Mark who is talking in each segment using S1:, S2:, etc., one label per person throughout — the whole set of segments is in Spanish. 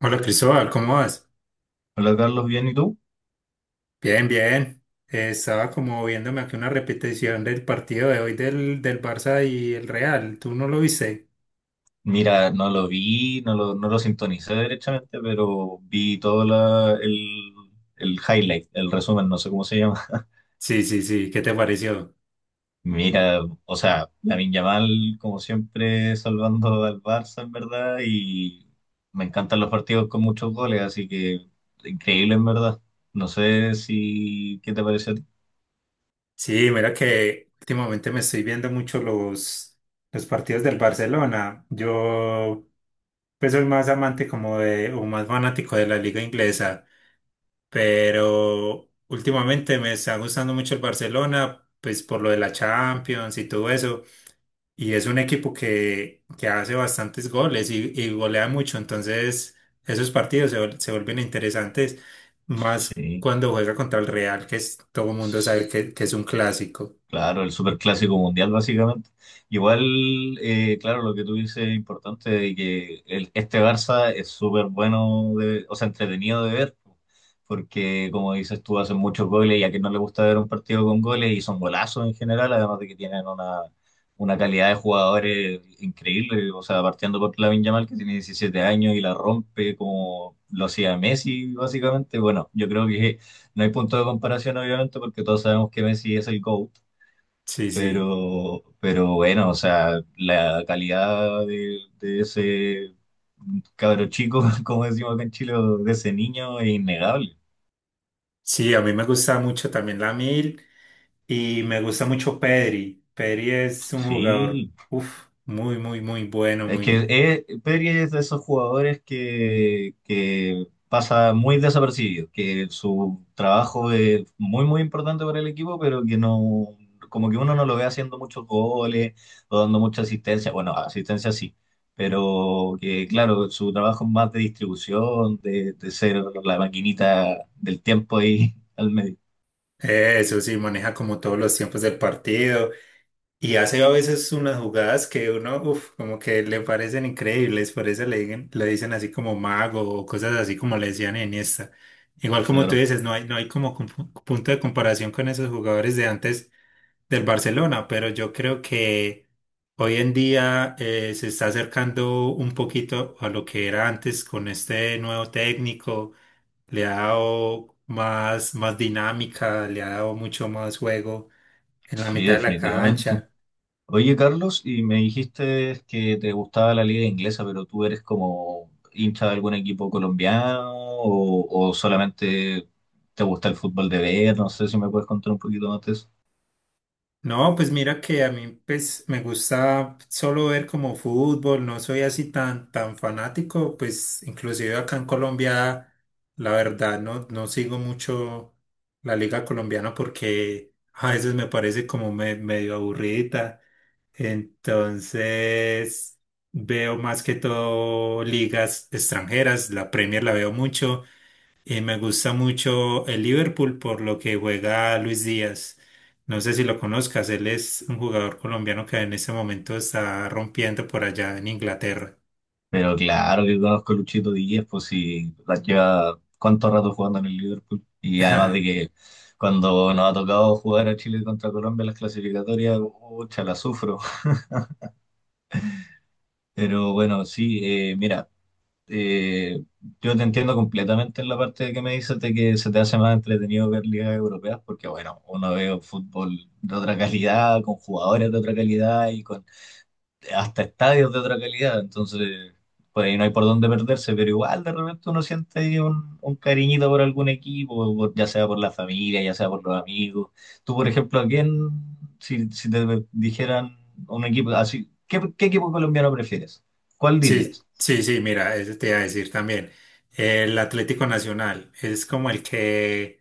S1: Hola Cristóbal, ¿cómo vas?
S2: Hola Carlos, ¿bien y tú?
S1: Bien, bien. Estaba como viéndome aquí una repetición del partido de hoy del Barça y el Real. ¿Tú no lo viste?
S2: Mira, no lo vi, no lo sintonicé derechamente, pero vi el highlight, el resumen, no sé cómo se llama.
S1: Sí, sí, sí. ¿Qué te pareció?
S2: Mira, o sea, Lamine Yamal, como siempre, salvando al Barça, en verdad, y me encantan los partidos con muchos goles, así que increíble, en verdad. No sé si, ¿qué te pareció a ti?
S1: Sí, mira que últimamente me estoy viendo mucho los partidos del Barcelona. Yo pues soy más amante como de, o más fanático de la liga inglesa, pero últimamente me está gustando mucho el Barcelona, pues por lo de la Champions y todo eso. Y es un equipo que hace bastantes goles y golea mucho, entonces esos partidos se vuelven interesantes, más
S2: Sí.
S1: cuando juega contra el Real, que es, todo el mundo sabe que es un clásico.
S2: Claro, el superclásico mundial básicamente. Igual, claro, lo que tú dices es importante de que este Barça es súper bueno, o sea, entretenido de ver, porque como dices tú, hacen muchos goles y a quien no le gusta ver un partido con goles y son golazos en general, además de que tienen una calidad de jugadores increíble, o sea, partiendo por Lamine Yamal que tiene 17 años y la rompe como lo hacía Messi básicamente. Bueno, yo creo que no hay punto de comparación obviamente porque todos sabemos que Messi es el GOAT,
S1: Sí, sí.
S2: pero bueno, o sea, la calidad de ese cabro chico, como decimos acá en Chile, o de ese niño es innegable.
S1: Sí, a mí me gusta mucho también la Mil y me gusta mucho Pedri. Pedri es un jugador,
S2: Sí.
S1: uf, muy bueno,
S2: Es que
S1: muy...
S2: Pedri es de esos jugadores que pasa muy desapercibido, que su trabajo es muy, muy importante para el equipo, pero que no, como que uno no lo ve haciendo muchos goles o dando mucha asistencia. Bueno, asistencia sí, pero que claro, su trabajo es más de distribución, de ser la maquinita del tiempo ahí al medio.
S1: Eso sí, maneja como todos los tiempos del partido. Y hace a veces unas jugadas que uno, uff, como que le parecen increíbles, por eso le dicen así como mago o cosas así como le decían en esta. Igual como tú
S2: Claro,
S1: dices, no hay como punto de comparación con esos jugadores de antes del Barcelona, pero yo creo que hoy en día se está acercando un poquito a lo que era antes con este nuevo técnico, le ha dado más dinámica, le ha dado mucho más juego en la
S2: sí,
S1: mitad de la
S2: definitivamente.
S1: cancha.
S2: Oye, Carlos, y me dijiste que te gustaba la liga inglesa, pero tú eres como hincha de algún equipo colombiano o solamente te gusta el fútbol de ver, no sé si me puedes contar un poquito más de eso.
S1: No, pues mira que a mí pues me gusta solo ver como fútbol, no soy así tan fanático, pues inclusive acá en Colombia la verdad no sigo mucho la liga colombiana porque a veces me parece como medio aburrida. Entonces veo más que todo ligas extranjeras, la Premier la veo mucho y me gusta mucho el Liverpool por lo que juega Luis Díaz. No sé si lo conozcas, él es un jugador colombiano que en este momento está rompiendo por allá en Inglaterra.
S2: Pero claro que conozco a Luchito Díaz, pues sí, la lleva cuánto rato jugando en el Liverpool. Y además de que cuando nos ha tocado jugar a Chile contra Colombia en las clasificatorias, ucha, la sufro. Pero bueno, sí, mira. eh, yo te entiendo completamente en la parte que me dices de que se te hace más entretenido ver ligas europeas, porque bueno, uno ve fútbol de otra calidad, con jugadores de otra calidad y con hasta estadios de otra calidad, entonces por ahí no hay por dónde perderse, pero igual de repente uno siente ahí un cariñito por algún equipo, por- ya sea por la familia, ya sea por los amigos. Tú, por ejemplo, ¿a quién, si, si te dijeran un equipo así, ¿qué, qué equipo colombiano prefieres? ¿Cuál
S1: Sí,
S2: dirías?
S1: sí, sí, mira, eso te iba a decir también. El Atlético Nacional es como el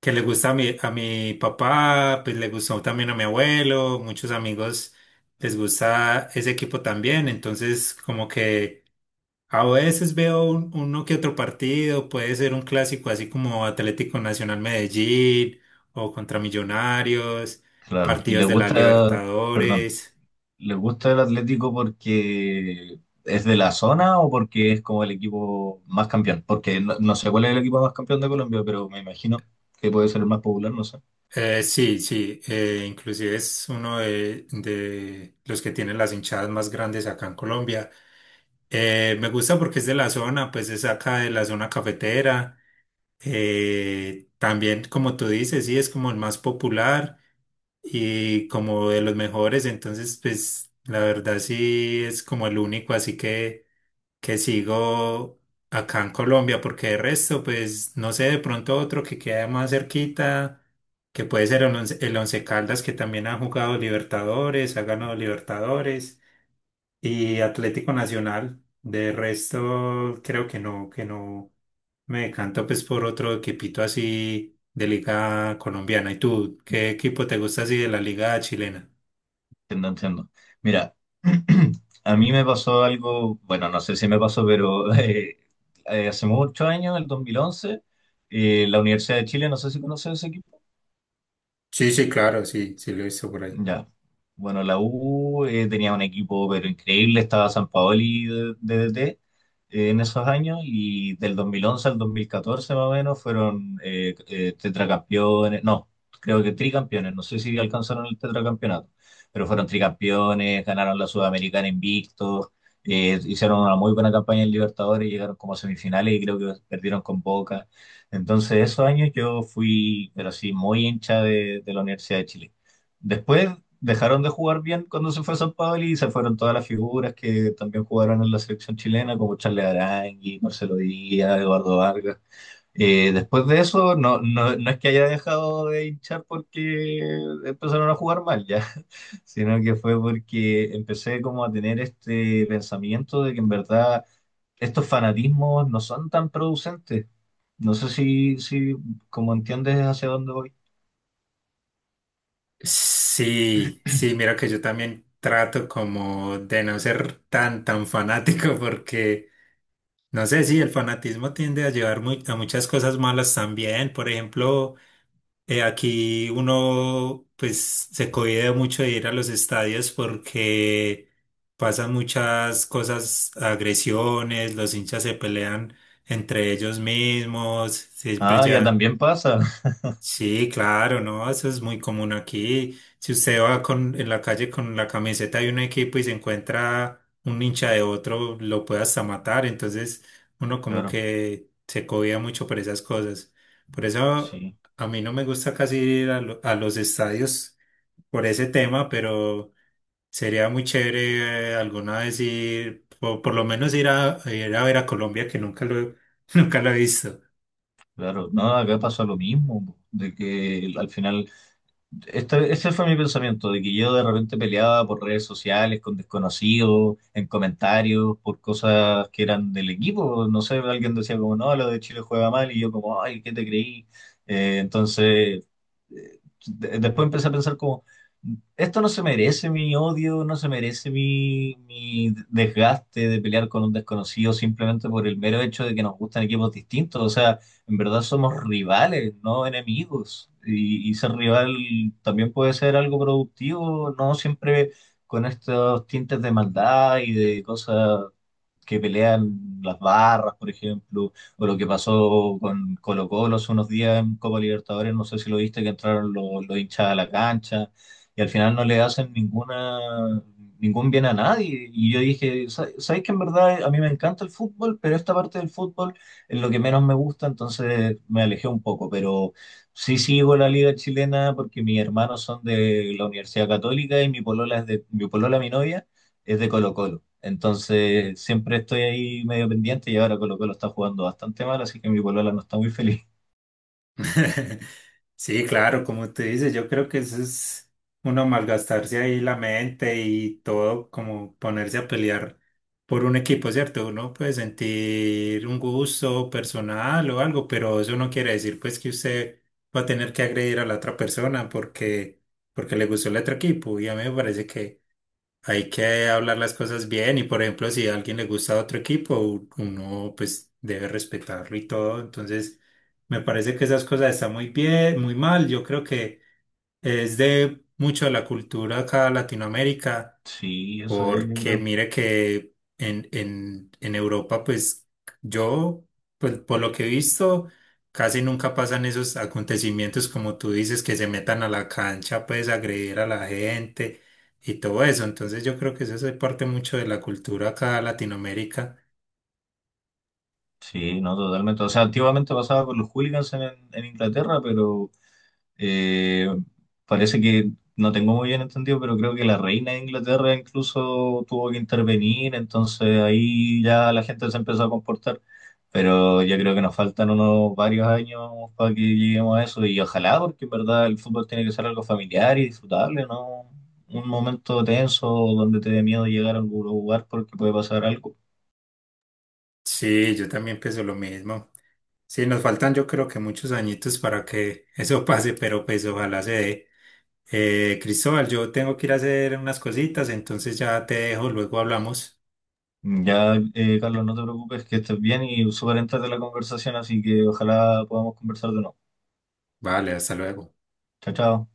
S1: que le gusta a a mi papá, pues le gustó también a mi abuelo, muchos amigos les gusta ese equipo también, entonces como que a veces veo uno que otro partido, puede ser un clásico así como Atlético Nacional Medellín o contra Millonarios,
S2: Claro, y le
S1: partidos de la
S2: gusta, perdón,
S1: Libertadores.
S2: ¿le gusta el Atlético porque es de la zona o porque es como el equipo más campeón? Porque no, no sé cuál es el equipo más campeón de Colombia, pero me imagino que puede ser el más popular, no sé,
S1: Sí, sí, inclusive es uno de los que tienen las hinchadas más grandes acá en Colombia. Me gusta porque es de la zona, pues es acá de la zona cafetera. También, como tú dices, sí, es como el más popular y como de los mejores, entonces pues la verdad sí es como el único así que sigo acá en Colombia, porque de resto pues no sé, de pronto otro que queda más cerquita, que puede ser el Once Caldas, que también ha jugado Libertadores, ha ganado Libertadores y Atlético Nacional. De resto creo que que no me decanto pues por otro equipito así de liga colombiana. ¿Y tú, qué equipo te gusta así de la liga chilena?
S2: entiendo, entiendo. Mira, a mí me pasó algo, bueno, no sé si me pasó, pero hace muchos años, en el 2011, la Universidad de Chile, no sé si conoces ese equipo.
S1: Sí, sí, claro, sí, sí lo he visto por ahí.
S2: Ya. Bueno, la U tenía un equipo pero increíble, estaba Sampaoli de DT en esos años y del 2011 al 2014 más o menos fueron tetracampeones, no, creo que tricampeones, no sé si alcanzaron el tetracampeonato, pero fueron tricampeones, ganaron la Sudamericana invictos, hicieron una muy buena campaña en Libertadores, llegaron como a semifinales y creo que perdieron con Boca. Entonces esos años yo fui, pero sí, muy hincha de la Universidad de Chile. Después dejaron de jugar bien cuando se fue a San Paoli y se fueron todas las figuras que también jugaron en la selección chilena, como Charles Arangui, Marcelo Díaz, Eduardo Vargas. Después de eso, no es que haya dejado de hinchar porque empezaron a jugar mal ya, sino que fue porque empecé como a tener este pensamiento de que en verdad estos fanatismos no son tan producentes. No sé si, si como entiendes hacia dónde voy.
S1: Sí, sí, mira que yo también trato como de no ser tan fanático porque, no sé, si el fanatismo tiende a llevar a muchas cosas malas también. Por ejemplo, aquí uno pues se cohíbe mucho de ir a los estadios porque pasan muchas cosas, agresiones, los hinchas se pelean entre ellos mismos, siempre.
S2: Ah, ya también pasa.
S1: Sí, claro, no, eso es muy común aquí. Si usted va en la calle con la camiseta de un equipo y se encuentra un hincha de otro, lo puede hasta matar. Entonces, uno como
S2: Claro,
S1: que se cobía mucho por esas cosas. Por eso
S2: sí.
S1: a mí no me gusta casi ir a a los estadios por ese tema, pero sería muy chévere alguna vez ir, o por lo menos ir a ver a Colombia, que nunca lo, nunca lo he visto.
S2: Claro, no, acá pasa lo mismo, po, de que al final, este, ese fue mi pensamiento, de que yo de repente peleaba por redes sociales con desconocidos, en comentarios, por cosas que eran del equipo, no sé, alguien decía como, no, lo de Chile juega mal, y yo como, ay, ¿qué te creí? Eh, entonces, eh, Después empecé a pensar como, esto no se merece mi odio, no se merece mi, mi desgaste de pelear con un desconocido simplemente por el mero hecho de que nos gustan equipos distintos, o sea en verdad somos rivales, no enemigos. Y ser rival también puede ser algo productivo, no siempre con estos tintes de maldad y de cosas que pelean las barras, por ejemplo, o lo que pasó con Colo-Colo hace unos días en Copa Libertadores, no sé si lo viste, que entraron los hinchas a la cancha y al final no le hacen ninguna, ningún bien a nadie. Y yo dije, ¿sabes que en verdad a mí me encanta el fútbol, pero esta parte del fútbol es lo que menos me gusta, entonces me alejé un poco, pero... Sí sigo la liga chilena porque mis hermanos son de la Universidad Católica y mi polola es de mi polola, mi novia, es de Colo-Colo. Entonces siempre estoy ahí medio pendiente y ahora Colo-Colo está jugando bastante mal, así que mi polola no está muy feliz.
S1: Sí, claro, como tú dices, yo creo que eso es uno malgastarse ahí la mente y todo, como ponerse a pelear por un equipo, ¿cierto? Uno puede sentir un gusto personal o algo, pero eso no quiere decir pues que usted va a tener que agredir a la otra persona porque le gustó el otro equipo. Y a mí me parece que hay que hablar las cosas bien y, por ejemplo, si a alguien le gusta otro equipo, uno pues debe respetarlo y todo. Entonces me parece que esas cosas están muy bien, muy mal. Yo creo que es de mucho de la cultura acá en Latinoamérica.
S2: Sí, eso es, yo
S1: Porque
S2: creo.
S1: mire que en Europa, pues yo, pues por lo que he visto, casi nunca pasan esos acontecimientos como tú dices, que se metan a la cancha, pues agredir a la gente y todo eso. Entonces yo creo que eso es parte mucho de la cultura acá en Latinoamérica.
S2: Sí, no, totalmente. O sea, antiguamente pasaba con los hooligans en Inglaterra, pero Eh, parece que no tengo muy bien entendido, pero creo que la reina de Inglaterra incluso tuvo que intervenir, entonces ahí ya la gente se empezó a comportar. Pero yo creo que nos faltan unos varios años para que lleguemos a eso y ojalá, porque en verdad el fútbol tiene que ser algo familiar y disfrutable, no un momento tenso donde te dé miedo llegar a algún lugar porque puede pasar algo.
S1: Sí, yo también pienso lo mismo. Sí, nos faltan yo creo que muchos añitos para que eso pase, pero pues ojalá se dé. Cristóbal, yo tengo que ir a hacer unas cositas, entonces ya te dejo, luego hablamos.
S2: Ya, Carlos, no te preocupes, que estés bien y súper de la conversación, así que ojalá podamos conversar de nuevo.
S1: Vale, hasta luego.
S2: Chao, chao.